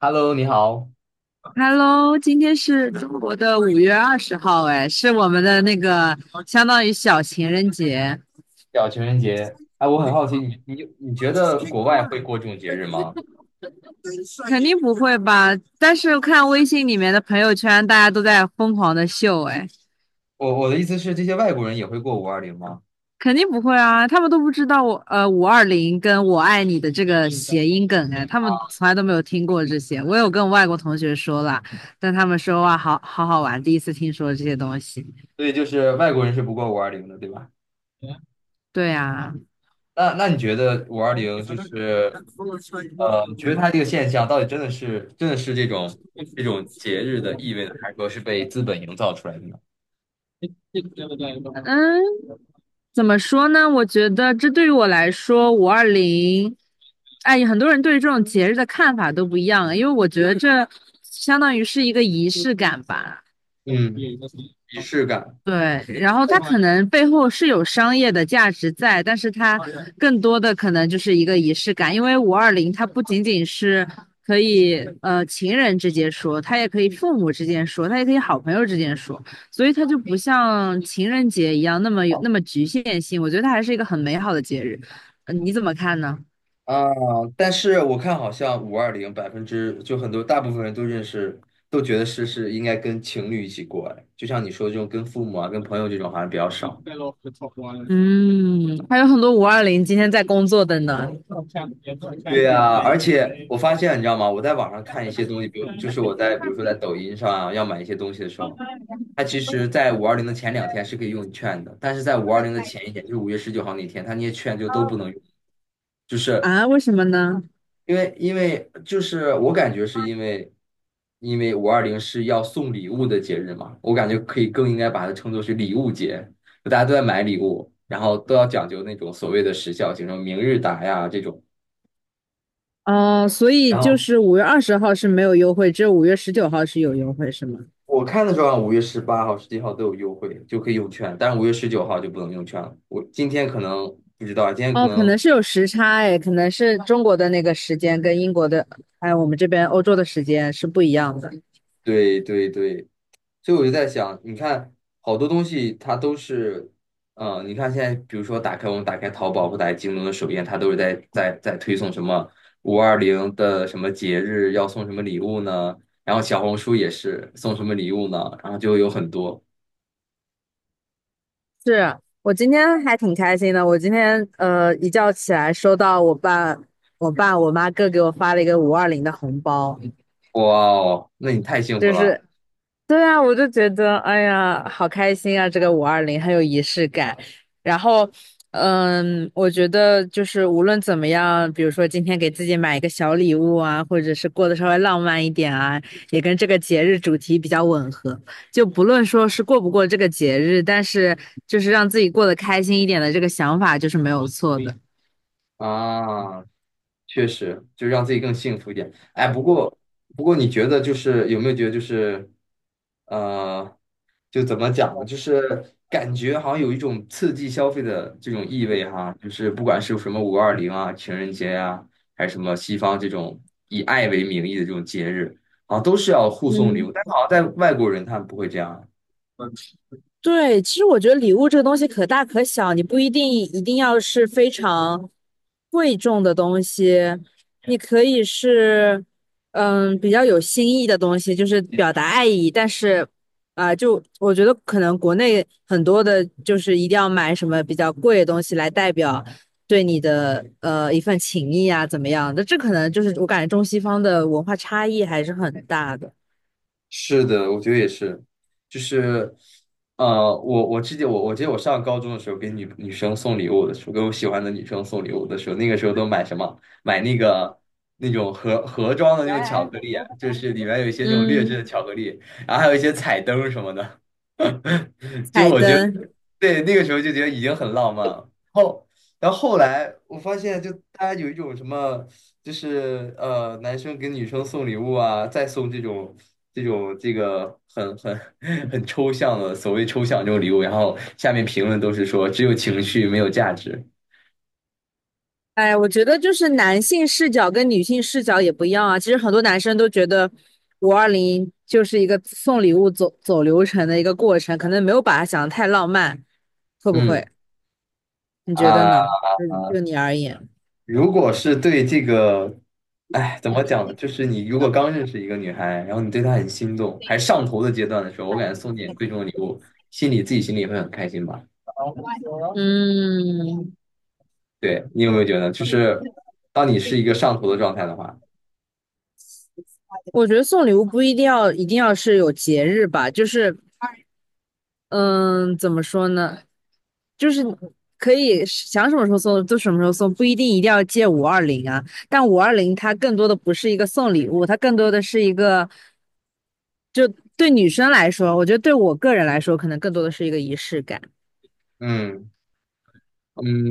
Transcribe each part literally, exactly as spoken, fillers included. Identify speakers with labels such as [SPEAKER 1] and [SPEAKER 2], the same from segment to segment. [SPEAKER 1] Hello，你好，
[SPEAKER 2] Hello，今天是中国的五月二十号，哎，是我们的那个相当于小情人节，
[SPEAKER 1] 叫情人节。哎，我很好奇，你你你觉得国外会过这种节日吗？
[SPEAKER 2] 肯定不会吧？但是看微信里面的朋友圈，大家都在疯狂的秀，哎，
[SPEAKER 1] 我我的意思是，这些外国人也会过五二零吗？
[SPEAKER 2] 肯定不会啊，他们都不知道我呃五二零跟我爱你的这个谐音梗，哎，他们从来都没有听过这些。我有跟外国同学说了，但他们说哇，好好好玩，第一次听说这些东西。
[SPEAKER 1] 对，就是外国人是不过五二零的，对吧？
[SPEAKER 2] 对啊。
[SPEAKER 1] 那那你觉得五二零就是呃，你觉得它这个现象到底真的是真的是这种这种节日的意味呢，还是说是被资本营造出来的呢？
[SPEAKER 2] 嗯，怎么说呢？我觉得这对于我来说，五二零，哎，很多人对于这种节日的看法都不一样，因为我觉得这相当于是一个仪式感吧。
[SPEAKER 1] 嗯，仪式感。
[SPEAKER 2] 对，然后它可能背后是有商业的价值在，但是它更多的可能就是一个仪式感，因为五二零它不仅仅是可以呃情人之间说，它也可以父母之间说，它也可以好朋友之间说，所以它就不像情人节一样那么有那么局限性，我觉得它还是一个很美好的节日，呃你怎么看呢？
[SPEAKER 1] 啊，但是我看好像五二零百分之就很多大部分人都认识，都觉得是是应该跟情侣一起过，哎，就像你说的这种跟父母啊、跟朋友这种好像比较少。
[SPEAKER 2] 嗯，还有很多五二零今天在工作的呢，
[SPEAKER 1] 对呀，而且 我发现你知道吗？我在网上看一些东西，比如就是我在比如说在抖音上啊，要买一些东西的时候，它其实在五二零的前两天是可以用券的，但是在五二零的前一天，就是五月十九号那天，它那些券就都不能用，就是
[SPEAKER 2] 啊，为什么呢？
[SPEAKER 1] 因为因为就是我感觉是因为，因为五二零是要送礼物的节日嘛，我感觉可以更应该把它称作是礼物节，就大家都在买礼物，然后都要讲究那种所谓的时效性，什么明日达呀这种。
[SPEAKER 2] 哦，所以
[SPEAKER 1] 然
[SPEAKER 2] 就
[SPEAKER 1] 后
[SPEAKER 2] 是五月二十号是没有优惠，只有五月十九号是有优惠，是吗？
[SPEAKER 1] 我看的时候啊，五月十八号、十七号都有优惠，就可以用券，但是五月十九号就不能用券了。我今天可能不知道，今天可
[SPEAKER 2] 哦，可
[SPEAKER 1] 能
[SPEAKER 2] 能是有时差哎，可能是中国的那个时间跟英国的，还有我们这边欧洲的时间是不一样的。
[SPEAKER 1] 对对对，所以我就在想，你看好多东西它都是，嗯、你看现在比如说打开我们打开淘宝或打开京东的首页，它都是在在在推送什么五二零的什么节日要送什么礼物呢？然后小红书也是送什么礼物呢？然后就有很多，
[SPEAKER 2] 是我今天还挺开心的，我今天呃一觉起来收到我爸、我爸、我妈各给我发了一个五二零的红包，
[SPEAKER 1] 哇哦，那你太幸福
[SPEAKER 2] 就是，
[SPEAKER 1] 了
[SPEAKER 2] 对啊，我就觉得，哎呀，好开心啊！这个五二零很有仪式感。然后，嗯，我觉得就是无论怎么样，比如说今天给自己买一个小礼物啊，或者是过得稍微浪漫一点啊，也跟这个节日主题比较吻合。就不论说是过不过这个节日，但是就是让自己过得开心一点的这个想法就是没有错的。
[SPEAKER 1] 啊！确实，就让自己更幸福一点。哎，不过不过，你觉得就是有没有觉得就是，呃，就怎么讲呢？就是感觉好像有一种刺激消费的这种意味哈，就是不管是什么五二零啊、情人节呀、啊还是什么西方这种以爱为名义的这种节日，好像都是要互送礼
[SPEAKER 2] 嗯，
[SPEAKER 1] 物，但是好像在外国人他们不会这样。
[SPEAKER 2] 对，其实我觉得礼物这个东西可大可小，你不一定一定要是非常贵重的东西，你可以是嗯比较有新意的东西，就是表达爱意。但是啊、就我觉得可能国内很多的，就是一定要买什么比较贵的东西来代表对你的呃一份情谊啊，怎么样的？这可能就是我感觉中西方的文化差异还是很大的。
[SPEAKER 1] 是的，我觉得也是，就是，呃，我我记得我我记得我上高中的时候给女女生送礼物的时候，给我喜欢的女生送礼物的时候，那个时候都买什么？买那个那种盒盒装的那种巧克力，就是里面有一些那种劣质
[SPEAKER 2] 嗯，
[SPEAKER 1] 的巧克力，然后还有一些彩灯什么的。就
[SPEAKER 2] 彩
[SPEAKER 1] 我觉得，
[SPEAKER 2] 灯。
[SPEAKER 1] 对，那个时候就觉得已经很浪漫了。后，然后后来我发现，就大家有一种什么。就是呃，男生给女生送礼物啊，再送这种这种这个很很 很抽象的所谓抽象这种礼物，然后下面评论都是说只有情绪没有价值。
[SPEAKER 2] 哎，我觉得就是男性视角跟女性视角也不一样啊。其实很多男生都觉得五二零就是一个送礼物走走流程的一个过程，可能没有把它想得太浪漫，会不会？
[SPEAKER 1] 嗯
[SPEAKER 2] 你觉得
[SPEAKER 1] 啊，
[SPEAKER 2] 呢？就就你而言，
[SPEAKER 1] 如果是对这个，哎，怎么讲呢？就是你如果刚认识一个女孩，然后你对她很心动，还上头的阶段的时候，我感觉送点贵重的礼物，心里自己心里也会很开心吧？
[SPEAKER 2] 嗯，
[SPEAKER 1] 对，你有没有觉得，就是当你是一个上头的状态的话，
[SPEAKER 2] 我觉得送礼物不一定要一定要是有节日吧，就是嗯，怎么说呢？就是可以想什么时候送就什么时候送，不一定一定要借五二零啊。但五二零它更多的不是一个送礼物，它更多的是一个。就对女生来说，我觉得对我个人来说，可能更多的是一个仪式感。
[SPEAKER 1] 嗯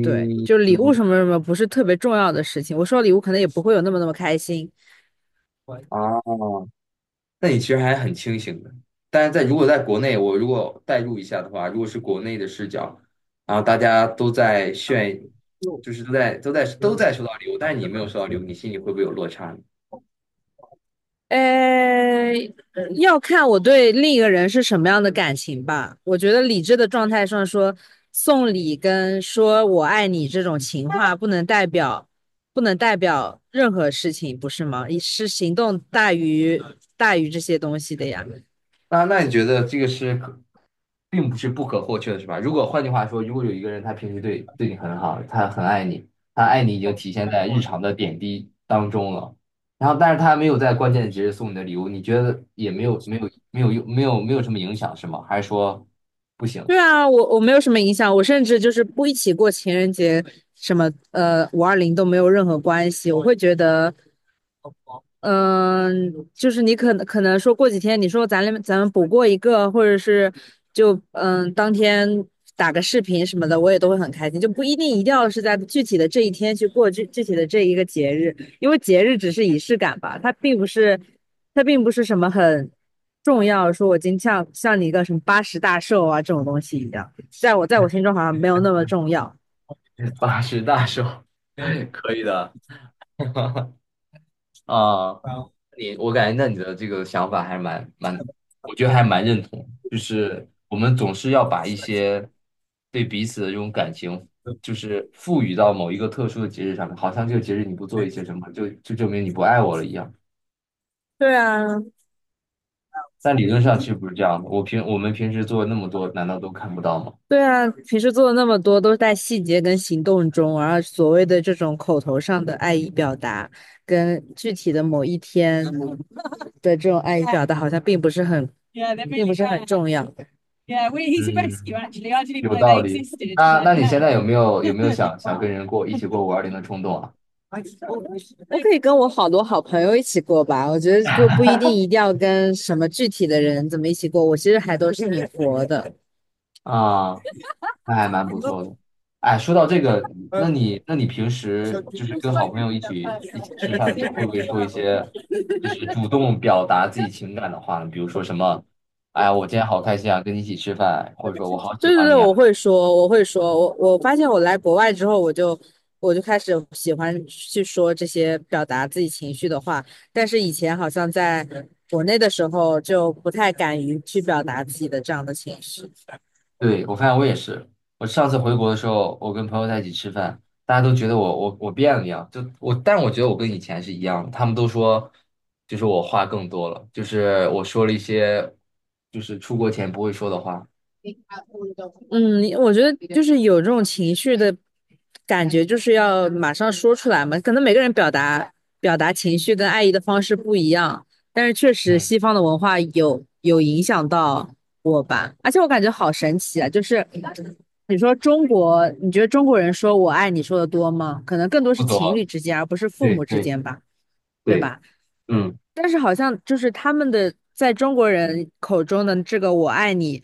[SPEAKER 2] 对，就礼物
[SPEAKER 1] 嗯
[SPEAKER 2] 什么什么不是特别重要的事情。我收到礼物可能也不会有那么那么开心。
[SPEAKER 1] 啊，那你其实还很清醒的。但是在如果在国内，我如果代入一下的话，如果是国内的视角，然后大家都在炫，就是都在都在都在收到礼物，但是你没有收到礼物，你心里会不会有落差呢？
[SPEAKER 2] 呃，嗯要看我对另一个人是什么样的感情吧。我觉得理智的状态上说，送礼跟说我爱你这种情话不能代表，不能代表任何事情，不是吗？是行动大于大于这些东西的呀。
[SPEAKER 1] 那那你觉得这个是可，并不是不可或缺的，是吧？如果换句话说，如果有一个人他平时对对你很好，他很爱你，他爱你已经体现在日常的点滴当中了，然后但是他没有在关键的节日送你的礼物，你觉得也没有没有没有用没有没有什么影响是吗？还是说不行，
[SPEAKER 2] 对啊，我我没有什么影响，我甚至就是不一起过情人节，什么呃五二零都没有任何关系。我会觉得嗯，就是你可能可能说过几天，你说咱俩咱们补过一个，或者是就嗯当天打个视频什么的，我也都会很开心，就不一定一定要是在具体的这一天去过这具体的这一个节日，因为节日只是仪式感吧，它并不是它并不是什么很重要，说我今天像像你一个什么八十大寿啊这种东西一样，在我在我心中好像没有那么重要。
[SPEAKER 1] 八十大寿，可以的 啊？你我感觉那你的这个想法还蛮蛮，我觉得还蛮认同。就是我们总是要把一些对彼此的这种感情，就是赋予到某一个特殊的节日上面，好像这个节日你不做一些什么，就就证明你不爱我了一样。
[SPEAKER 2] 对啊，
[SPEAKER 1] 但理论上其实不是这样的。我平我们平时做那么多，难道都看不到吗？
[SPEAKER 2] 对啊，平时做的那么多，都是在细节跟行动中，而所谓的这种口头上的爱意表达，跟具体的某一天的这种爱意表达，好像并不是很 并 really 不 really 是很 rare. 重要。Yeah, we, he's a rescue
[SPEAKER 1] 嗯，
[SPEAKER 2] actually. I didn't even
[SPEAKER 1] 有
[SPEAKER 2] know they
[SPEAKER 1] 道理。
[SPEAKER 2] existed,
[SPEAKER 1] 那
[SPEAKER 2] but
[SPEAKER 1] 那你
[SPEAKER 2] yeah.
[SPEAKER 1] 现在有没有有没有想想跟人过一起过五二零的冲动啊？
[SPEAKER 2] 我可以跟我好多好朋友一起过吧，我觉得不不一定一定要跟什么具体的人怎么一起过，我其实还都是挺佛的。
[SPEAKER 1] 啊，那还蛮不错的。哎，说到这个，那你那你平时就是跟好朋友一起一起吃饭的时候，会不会说一些就是主动表达自己情感的话呢？比如说什么，哎呀，我今天好开心啊，跟你一起吃饭，或者说我好喜
[SPEAKER 2] 对对
[SPEAKER 1] 欢
[SPEAKER 2] 对，
[SPEAKER 1] 你
[SPEAKER 2] 我
[SPEAKER 1] 啊。
[SPEAKER 2] 会说，我会说，我我发现我来国外之后，我就我就开始喜欢去说这些表达自己情绪的话，但是以前好像在国内的时候就不太敢于去表达自己的这样的情绪。
[SPEAKER 1] 对，我发现我也是，我上次回国的时候，我跟朋友在一起吃饭，大家都觉得我我我变了一样，就我，但我觉得我跟以前是一样的，他们都说就是我话更多了，就是我说了一些就是出国前不会说的话。
[SPEAKER 2] 嗯，我觉得就是有这种情绪的感觉就是要马上说出来嘛。可能每个人表达表达情绪跟爱意的方式不一样，但是确实
[SPEAKER 1] 嗯。
[SPEAKER 2] 西方的文化有有影响到我吧。而且我感觉好神奇啊，就是你说中国，你觉得中国人说我爱你说的多吗？可能更多是
[SPEAKER 1] 不
[SPEAKER 2] 情
[SPEAKER 1] 多，
[SPEAKER 2] 侣之间，而不是父
[SPEAKER 1] 对
[SPEAKER 2] 母之
[SPEAKER 1] 对
[SPEAKER 2] 间吧，对
[SPEAKER 1] 对，
[SPEAKER 2] 吧？
[SPEAKER 1] 嗯
[SPEAKER 2] 但是好像就是他们的在中国人口中的这个"我爱你"，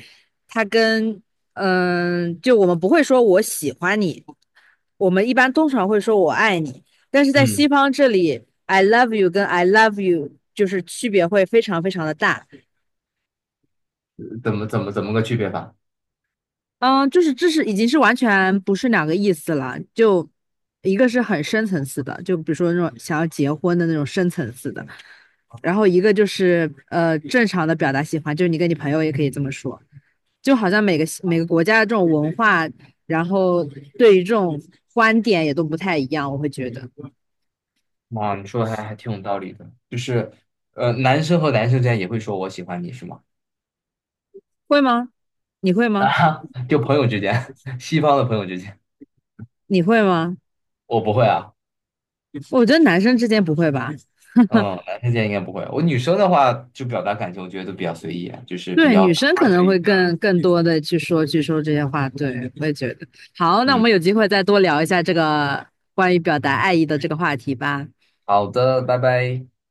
[SPEAKER 2] 它跟嗯，就我们不会说我喜欢你，我们一般通常会说我爱你，但是在
[SPEAKER 1] 嗯，
[SPEAKER 2] 西方这里，I love you 跟 I love you 就是区别会非常非常的大。
[SPEAKER 1] 怎么怎么怎么个区别法？
[SPEAKER 2] 嗯，就是这是已经是完全不是两个意思了，就一个是很深层次的，就比如说那种想要结婚的那种深层次的，然后一个就是呃正常的表达喜欢，就是你跟你朋友也可以这么说。就好像每个每个国家的这种文化，然后对于这种观点也都不太一样，我会觉得
[SPEAKER 1] 哇，你说的还还挺有道理的，就是，呃，男生和男生之间也会说我喜欢你是吗？
[SPEAKER 2] 会吗？你会 吗？
[SPEAKER 1] 啊，就朋友之间，西方的朋友之间，
[SPEAKER 2] 你会吗？
[SPEAKER 1] 我不会啊，
[SPEAKER 2] 我觉得男生之间不会吧。
[SPEAKER 1] 嗯，男生之间应该不会。我女生的话，就表达感情，我觉得都比较随意啊就是比
[SPEAKER 2] 对，
[SPEAKER 1] 较
[SPEAKER 2] 女生
[SPEAKER 1] 不是
[SPEAKER 2] 可能
[SPEAKER 1] 随
[SPEAKER 2] 会
[SPEAKER 1] 意。
[SPEAKER 2] 更更多的去说去说这些话，对，我也觉得。好，那我
[SPEAKER 1] 嗯，
[SPEAKER 2] 们有机会再多聊一下这个关于表达爱意的这个话题吧。
[SPEAKER 1] 好的，拜拜。